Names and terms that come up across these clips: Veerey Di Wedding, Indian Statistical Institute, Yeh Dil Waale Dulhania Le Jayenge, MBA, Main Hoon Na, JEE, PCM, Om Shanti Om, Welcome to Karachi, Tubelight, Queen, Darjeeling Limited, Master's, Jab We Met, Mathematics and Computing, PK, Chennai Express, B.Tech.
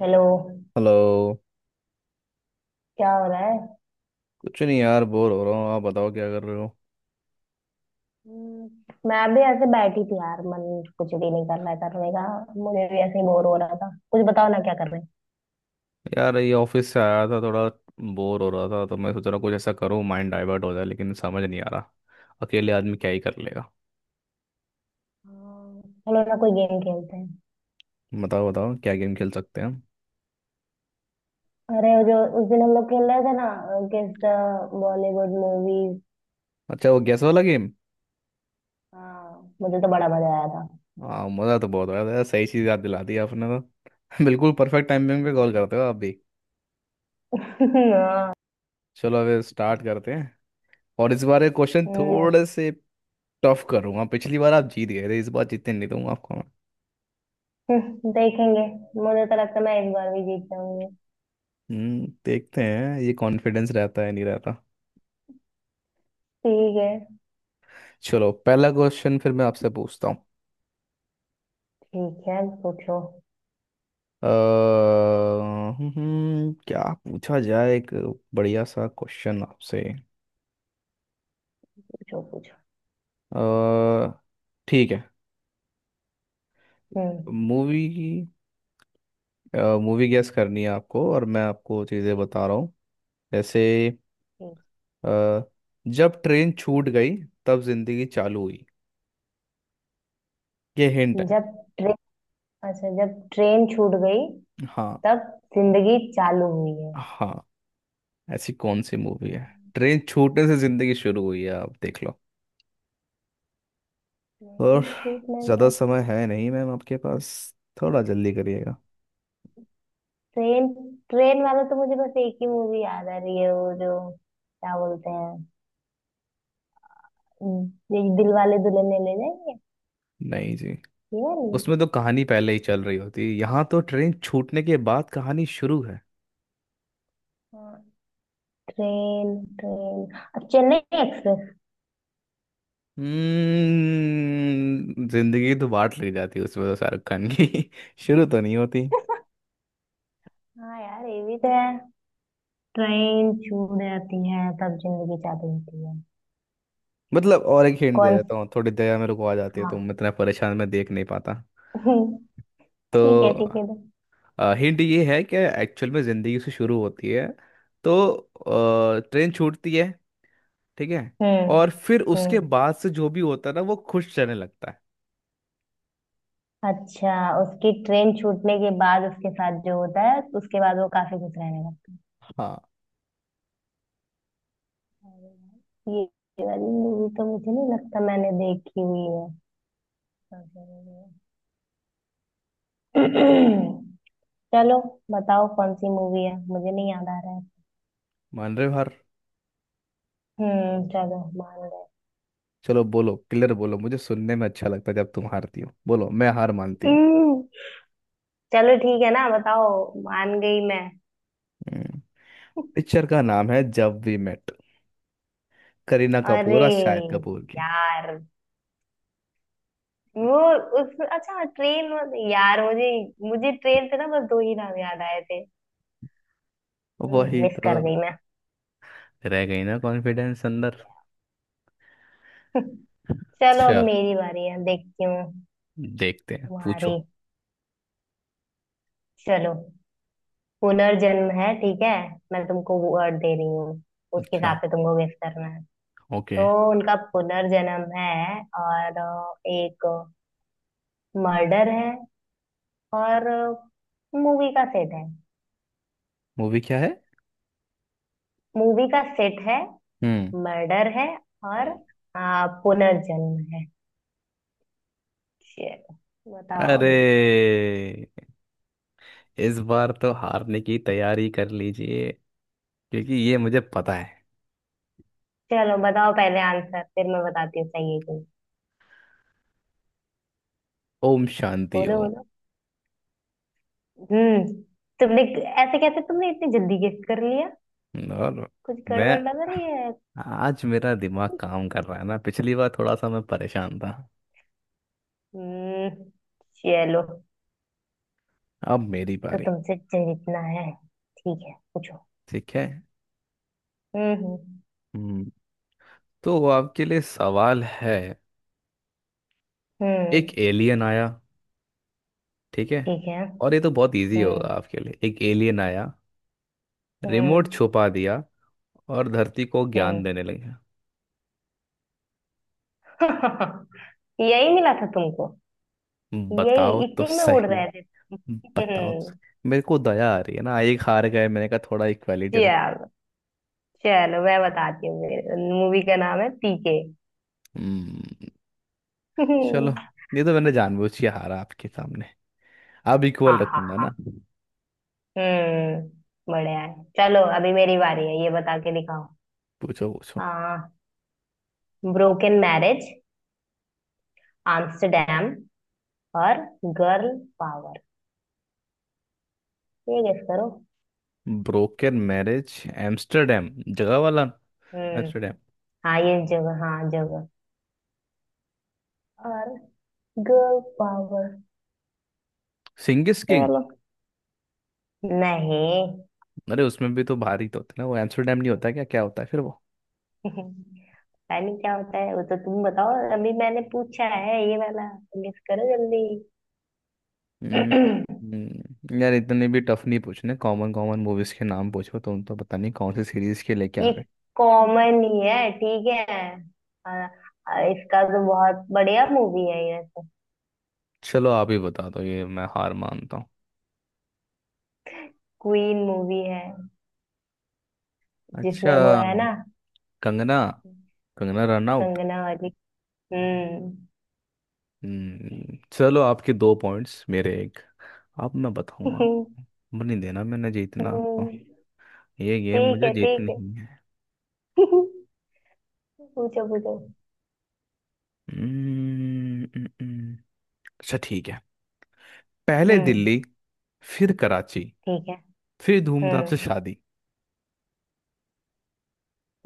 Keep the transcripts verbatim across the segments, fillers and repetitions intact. Hello. Hello. क्या हो रहा है? कुछ नहीं यार, बोर हो रहा हूँ। आप बताओ क्या कर रहे हो? हम्म, मैं भी ऐसे बैठी थी यार, मन कुछ भी नहीं कर रहा था तो मैं कहा मुझे भी ऐसे ही बोर हो रहा था, कुछ बताओ ना क्या कर रहे हैं। यार, ये ऑफिस से आया था, थोड़ा बोर हो रहा था, तो मैं सोच रहा हूँ कुछ ऐसा करूँ माइंड डाइवर्ट हो जाए, लेकिन समझ नहीं आ रहा। अकेले आदमी क्या ही कर लेगा। हाँ, चलो ना कोई गेम खेलते हैं। बताओ बताओ, क्या गेम खेल सकते हैं हम? अरे वो जो उस दिन हम लोग खेल रहे थे ना, अ, किस बॉलीवुड मूवीज। अच्छा, वो गैस वाला गेम। हाँ, मुझे तो बड़ा मजा आया था। हाँ, मज़ा तो बहुत आया था यार, सही चीज़ याद दिला दी आपने तो बिल्कुल परफेक्ट टाइमिंग पे कॉल करते हो आप भी। हाँ। चलो, अब स्टार्ट करते हैं। और इस बार ये क्वेश्चन हम्म, थोड़े से टफ करूँगा। पिछली बार आप जीत गए थे, इस बार जीतने नहीं दूंगा आपको मैं। हम्म, देखेंगे। मुझे तो लगता है मैं इस बार भी जीत जाऊंगी। हम्म देखते हैं ये कॉन्फिडेंस रहता है नहीं रहता। ठीक है। चलो, पहला क्वेश्चन फिर मैं आपसे पूछता हूँ। ठीक है, पूछो। अ, हम्म, हम्म, क्या पूछा जाए, एक बढ़िया सा क्वेश्चन आपसे। पूछो पूछो। अ, ठीक है। हम्म। मूवी मूवी गेस करनी है आपको, और मैं आपको चीज़ें बता रहा हूँ। जैसे ठीक अ, जब ट्रेन छूट गई, तब जिंदगी चालू हुई। ये हिंट है। है। जब अच्छा, जब ट्रेन छूट गई हाँ, तब जिंदगी चालू हुई है। हाँ, ऐसी कौन सी मूवी है, ट्रेन छूटने से जिंदगी शुरू हुई है, आप देख लो। और ट्रेन छूटने ज़्यादा में समय है नहीं मैम आपके पास, थोड़ा जल्दी करिएगा। ट्रेन ट्रेन वाला तो मुझे बस एक ही मूवी याद आ रही है, वो जो क्या बोलते हैं, हम्म, ये दिल वाले दुल्हनिया ले जाएंगे, नहीं जी, ये वाली। उसमें तो कहानी पहले ही चल रही होती है, यहाँ तो ट्रेन छूटने के बाद कहानी शुरू है। हाँ। ट्रेन ट्रेन अब चेन्नई एक्सप्रेस। हम्म जिंदगी तो बांट ली जाती है उसमें तो, शाहरुख खान की शुरू तो नहीं होती। हाँ यार, ये भी तो है। ट्रेन छूट जाती है तब जिंदगी चालू होती है। मतलब, और एक हिंट दे कौन? देता हूँ, थोड़ी दया मेरे को आ जाती है तो, हाँ। मैं इतना परेशान मैं देख नहीं पाता। तो ठीक है, ठीक है। हिंट ये है कि एक्चुअल में जिंदगी से शुरू होती है, तो अ, ट्रेन छूटती है, ठीक है? और हम्म। फिर उसके हम्म, बाद से जो भी होता है ना, वो खुश रहने लगता है। अच्छा, उसकी ट्रेन छूटने के बाद उसके साथ जो होता है तो उसके बाद वो काफी खुश रहने लगता है। हाँ। अरे यार, ये ये वाली मूवी तो मुझे नहीं लगता मैंने देखी हुई है। सबसे बढ़िया। चलो, बताओ कौन सी मूवी है, मुझे नहीं याद आ रहा है। मान रहे हो हार? हम्म, चलो मान गए। चलो, बोलो क्लियर, बोलो, मुझे सुनने में अच्छा लगता है जब तुम हारती हो। बोलो, मैं हार मानती हूँ। हम्म, चलो ठीक है ना, बताओ, मान गई मैं। हम्म, पिक्चर का नाम है जब वी मेट। करीना अरे कपूर और शाहिद कपूर की। यार, वो उस, अच्छा ट्रेन। यार, मुझे मुझे ट्रेन से ना बस दो ही नाम याद आए थे, वही मिस तो, कर गई मैं। रह गई ना कॉन्फिडेंस अंदर। चलो, अब चल, मेरी बारी है, देखती हूँ देखते हैं, तुम्हारी। पूछो। चलो, पुनर्जन्म है, ठीक है, मैं तुमको वर्ड दे रही हूँ उसके अच्छा। हिसाब से तुमको गेस करना है। ओके। तो उनका पुनर्जन्म है, और अ, एक मर्डर है, और मूवी का सेट है। मूवी क्या है? मूवी का सेट है, हम्म। मर्डर है, और अ, पुनर्जन्म है। चलो बताओ अरे, अभी। इस बार तो हारने की तैयारी कर लीजिए, क्योंकि ये मुझे पता है। चलो बताओ पहले आंसर, फिर मैं बताती हूँ सही है कि नहीं। ओम शांति बोलो बोलो। हम्म। तुमने, ऐसे कैसे तुमने इतनी जल्दी गेस कर लिया, ओम। और कुछ मैं, गड़बड़ लग रही है। आज मेरा दिमाग काम कर रहा है ना, पिछली बार थोड़ा सा मैं परेशान था। हम्म, चलो, अब मेरी तो बारी। तुमसे जीतना है। ठीक है, पूछो। ठीक है। हम्म हम्म। हम्म, तो आपके लिए सवाल है। एक हम्म, एलियन आया, ठीक है? ठीक है। और ये तो बहुत इजी होगा हम्म। आपके लिए। एक एलियन आया, रिमोट हम्म। छुपा दिया, और धरती को ज्ञान हम्म। देने लगा। यही मिला था तुमको, यही, बताओ तो इसी में उड़ सही, रहे थे। बताओ तो हम्म, सही। मेरे को दया आ रही है ना, एक हार गए, मैंने कहा थोड़ा इक्वालिटी रख। चलो। चलो मैं बताती हूँ, मूवी का नाम है पीके। हम्म, चलो। ये तो मैंने जानबूझ के हारा आपके सामने। अब इक्वल हाँ हाँ रखूंगा ना। हाँ। हम्म, बढ़िया है। चलो, अभी मेरी बारी है, ये बता के दिखाओ। पूछो पूछो। आ, ब्रोकन मैरिज, आम्स्टरडैम, और गर्ल पावर। ये गेस करो। ब्रोकन मैरिज एम्स्टरडेम, जगह वाला हम्म। एम्स्टरडेम। हाँ, ये जगह, हाँ जगह, और गर्ल पावर। सिंगिस किंग? चलो। नहीं। अरे, उसमें भी तो भारी तो होता है ना, वो एम्स्टरडेम नहीं होता, क्या क्या होता है फिर वो? पता नहीं क्या होता है वो, तो तुम बताओ, अभी मैंने पूछा है ये वाला, गेस करो जल्दी। हम्म, हम्म, यार, इतने भी टफ नहीं पूछने, कॉमन कॉमन मूवीज के नाम पूछो, तुम तो पता नहीं कौन सी सीरीज के लेके आ ये गए। कॉमन ही है, ठीक है, और इसका तो बहुत बढ़िया मूवी है ये। चलो, आप ही बता दो ये, मैं हार मानता हूँ। क्वीन मूवी है, अच्छा। जिसमें वो है ना, कंगना कंगना रन आउट। कंगना वाली। हम्म। हम्म, चलो, आपके दो पॉइंट्स, मेरे एक। अब मैं बताऊंगा। अब नहीं देना, मैंने जीतना आपको। हम्म, ये गेम ठीक मुझे है ठीक जीतनी है। ही है। पूछो पूछो। हम्म, हम्म, हम्म। अच्छा, ठीक है। पहले दिल्ली, हम्म, फिर कराची, ठीक है। फिर धूमधाम से हम्म। शादी।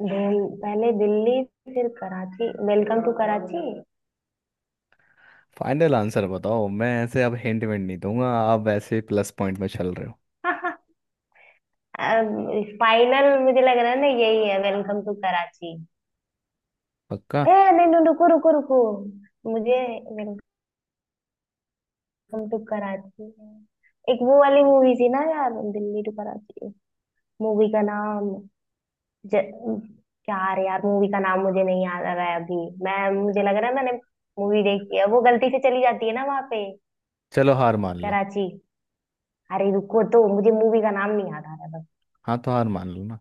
दिल- पहले दिल्ली, फिर Karachi, welcome to Karachi. Final answer बताओ, मैं ऐसे अब हिंट विंट नहीं दूंगा, आप वैसे प्लस पॉइंट में चल रहे हो। अब, फाइनल मुझे लग रहा है ना, यही है वेलकम टू कराची। पक्का? ए, नहीं नहीं, रुको रुको रुको, मुझे वेलकम टू कराची है। एक वो वाली मूवी थी ना यार, दिल्ली टू कराची, मूवी का नाम, ज, यार यार, मूवी का नाम मुझे नहीं याद आ रहा है अभी। मैं मुझे लग रहा है मैंने मूवी देखी है, वो गलती से चली जाती है ना वहां पे, चलो, हार मान लो। कराची। अरे रुको तो, मुझे मूवी का नाम नहीं याद आ रहा है, हाँ, तो हार मान लो ना।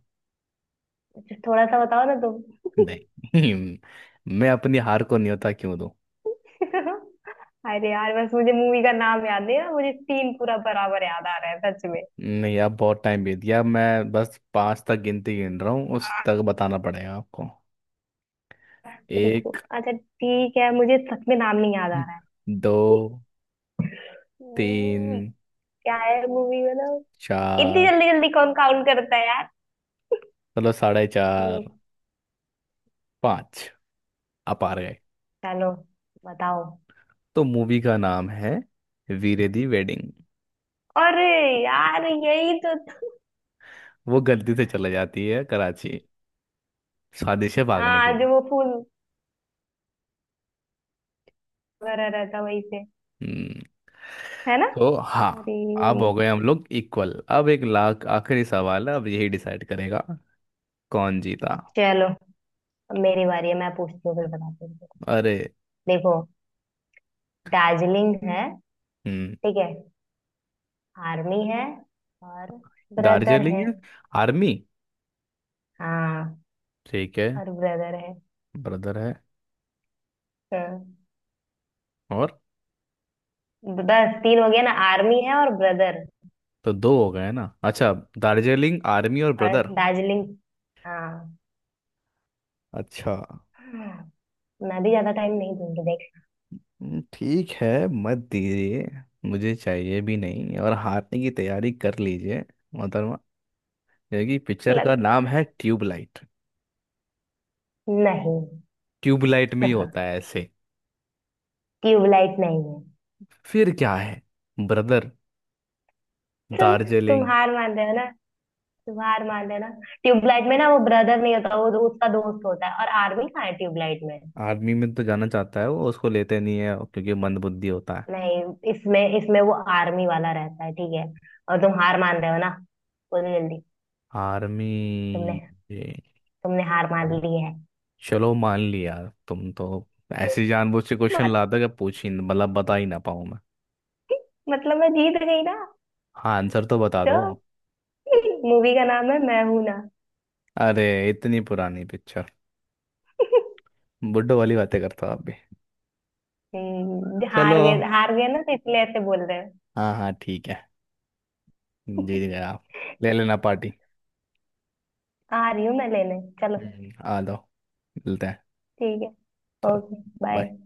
बस थोड़ा सा बताओ ना तुम। नहीं। मैं अपनी हार को न्योता क्यों दूं? अरे यार, बस मुझे मूवी का नाम याद नहीं आ रहा, मुझे सीन पूरा बराबर याद आ रहा है सच में। नहीं, अब बहुत टाइम बीत गया। मैं बस पांच तक गिनती गिन रहा हूँ, उस आह, तक बताना पड़ेगा आपको। रुको, एक, अच्छा ठीक है, मुझे सच में नाम नहीं याद आ रहा है। दो, हम्म, तीन, क्या है मूवी मतलब? इतनी चार, जल्दी जल्दी कौन काउंट करता है यार। मतलब साढ़े हम्म, चार, पाँच। आप आ गए। चलो बताओ। तो मूवी का नाम है वीरे दी वेडिंग। अरे यार, यही तो था। वो गलती से चला जाती है कराची, शादी से भागने के हाँ, लिए। जो वो फूल वगैरह रहता वहीं पे, हम्म, है ना। तो हाँ। अरे, अब हो गए हम लोग इक्वल। अब एक लाख आखिरी सवाल है, अब यही डिसाइड करेगा कौन जीता। चलो अब मेरी बारी है, मैं पूछती हूँ फिर बताती हूँ। अरे। देखो, दार्जिलिंग है, हम्म। ठीक है, आर्मी है, और ब्रदर दार्जिलिंग है। है, आर्मी, हाँ। ठीक है, और ब्रदर है। ब्रदर है। हाँ, और बस तीन हो गया ना, आर्मी है, और ब्रदर, तो दो हो गए ना? अच्छा। दार्जिलिंग, आर्मी और और ब्रदर। दार्जिलिंग। हाँ। अच्छा। मैं भी ज्यादा टाइम नहीं दूंगी देख। हम्म, ठीक है, मत दीजिए, मुझे चाहिए भी नहीं। और हारने की तैयारी कर लीजिए मोहतरमा, क्योंकि पिक्चर का लग, नाम है ट्यूबलाइट। नहीं, ट्यूबलाइट में ही होता है ऐसे। ट्यूबलाइट नहीं है। फिर क्या है? ब्रदर, तुम तुम दार्जिलिंग। हार मान रहे हो ना। हार मान लेना। ट्यूबलाइट में ना वो ब्रदर नहीं होता, वो वो उसका दोस्त होता है, और आर्मी कहाँ है ट्यूबलाइट में? आर्मी में तो जाना चाहता है वो, उसको लेते नहीं है क्योंकि मंदबुद्धि होता है। नहीं, इसमें इसमें वो आर्मी वाला रहता है, ठीक है, और तुम हार मान रहे हो ना, बोलो जल्दी। आर्मी। तुमने, ये तुमने हार मान है। ली है। चलो, मान लिया। तुम तो ऐसे जानबूझ के क्वेश्चन मत, लाते हो कि पूछ ही, मतलब बता ही ना पाऊं मैं। मतलब मैं जीत गई ना। हाँ, आंसर तो बता तो दो। मूवी का नाम है मैं हूं ना। अरे, इतनी पुरानी पिक्चर, बुड्ढो वाली बातें करता आप भी। हम्म, चलो, हार गए हार गए ना, तो इसलिए ऐसे बोल रहे हो। हाँ हाँ ठीक है, जीत गए आप। ले लेना पार्टी। आ रही हूँ मैं लेने, चलो, हम्म, आ जाओ। मिलते हैं। ठीक है, चलो, ओके bye। बाय।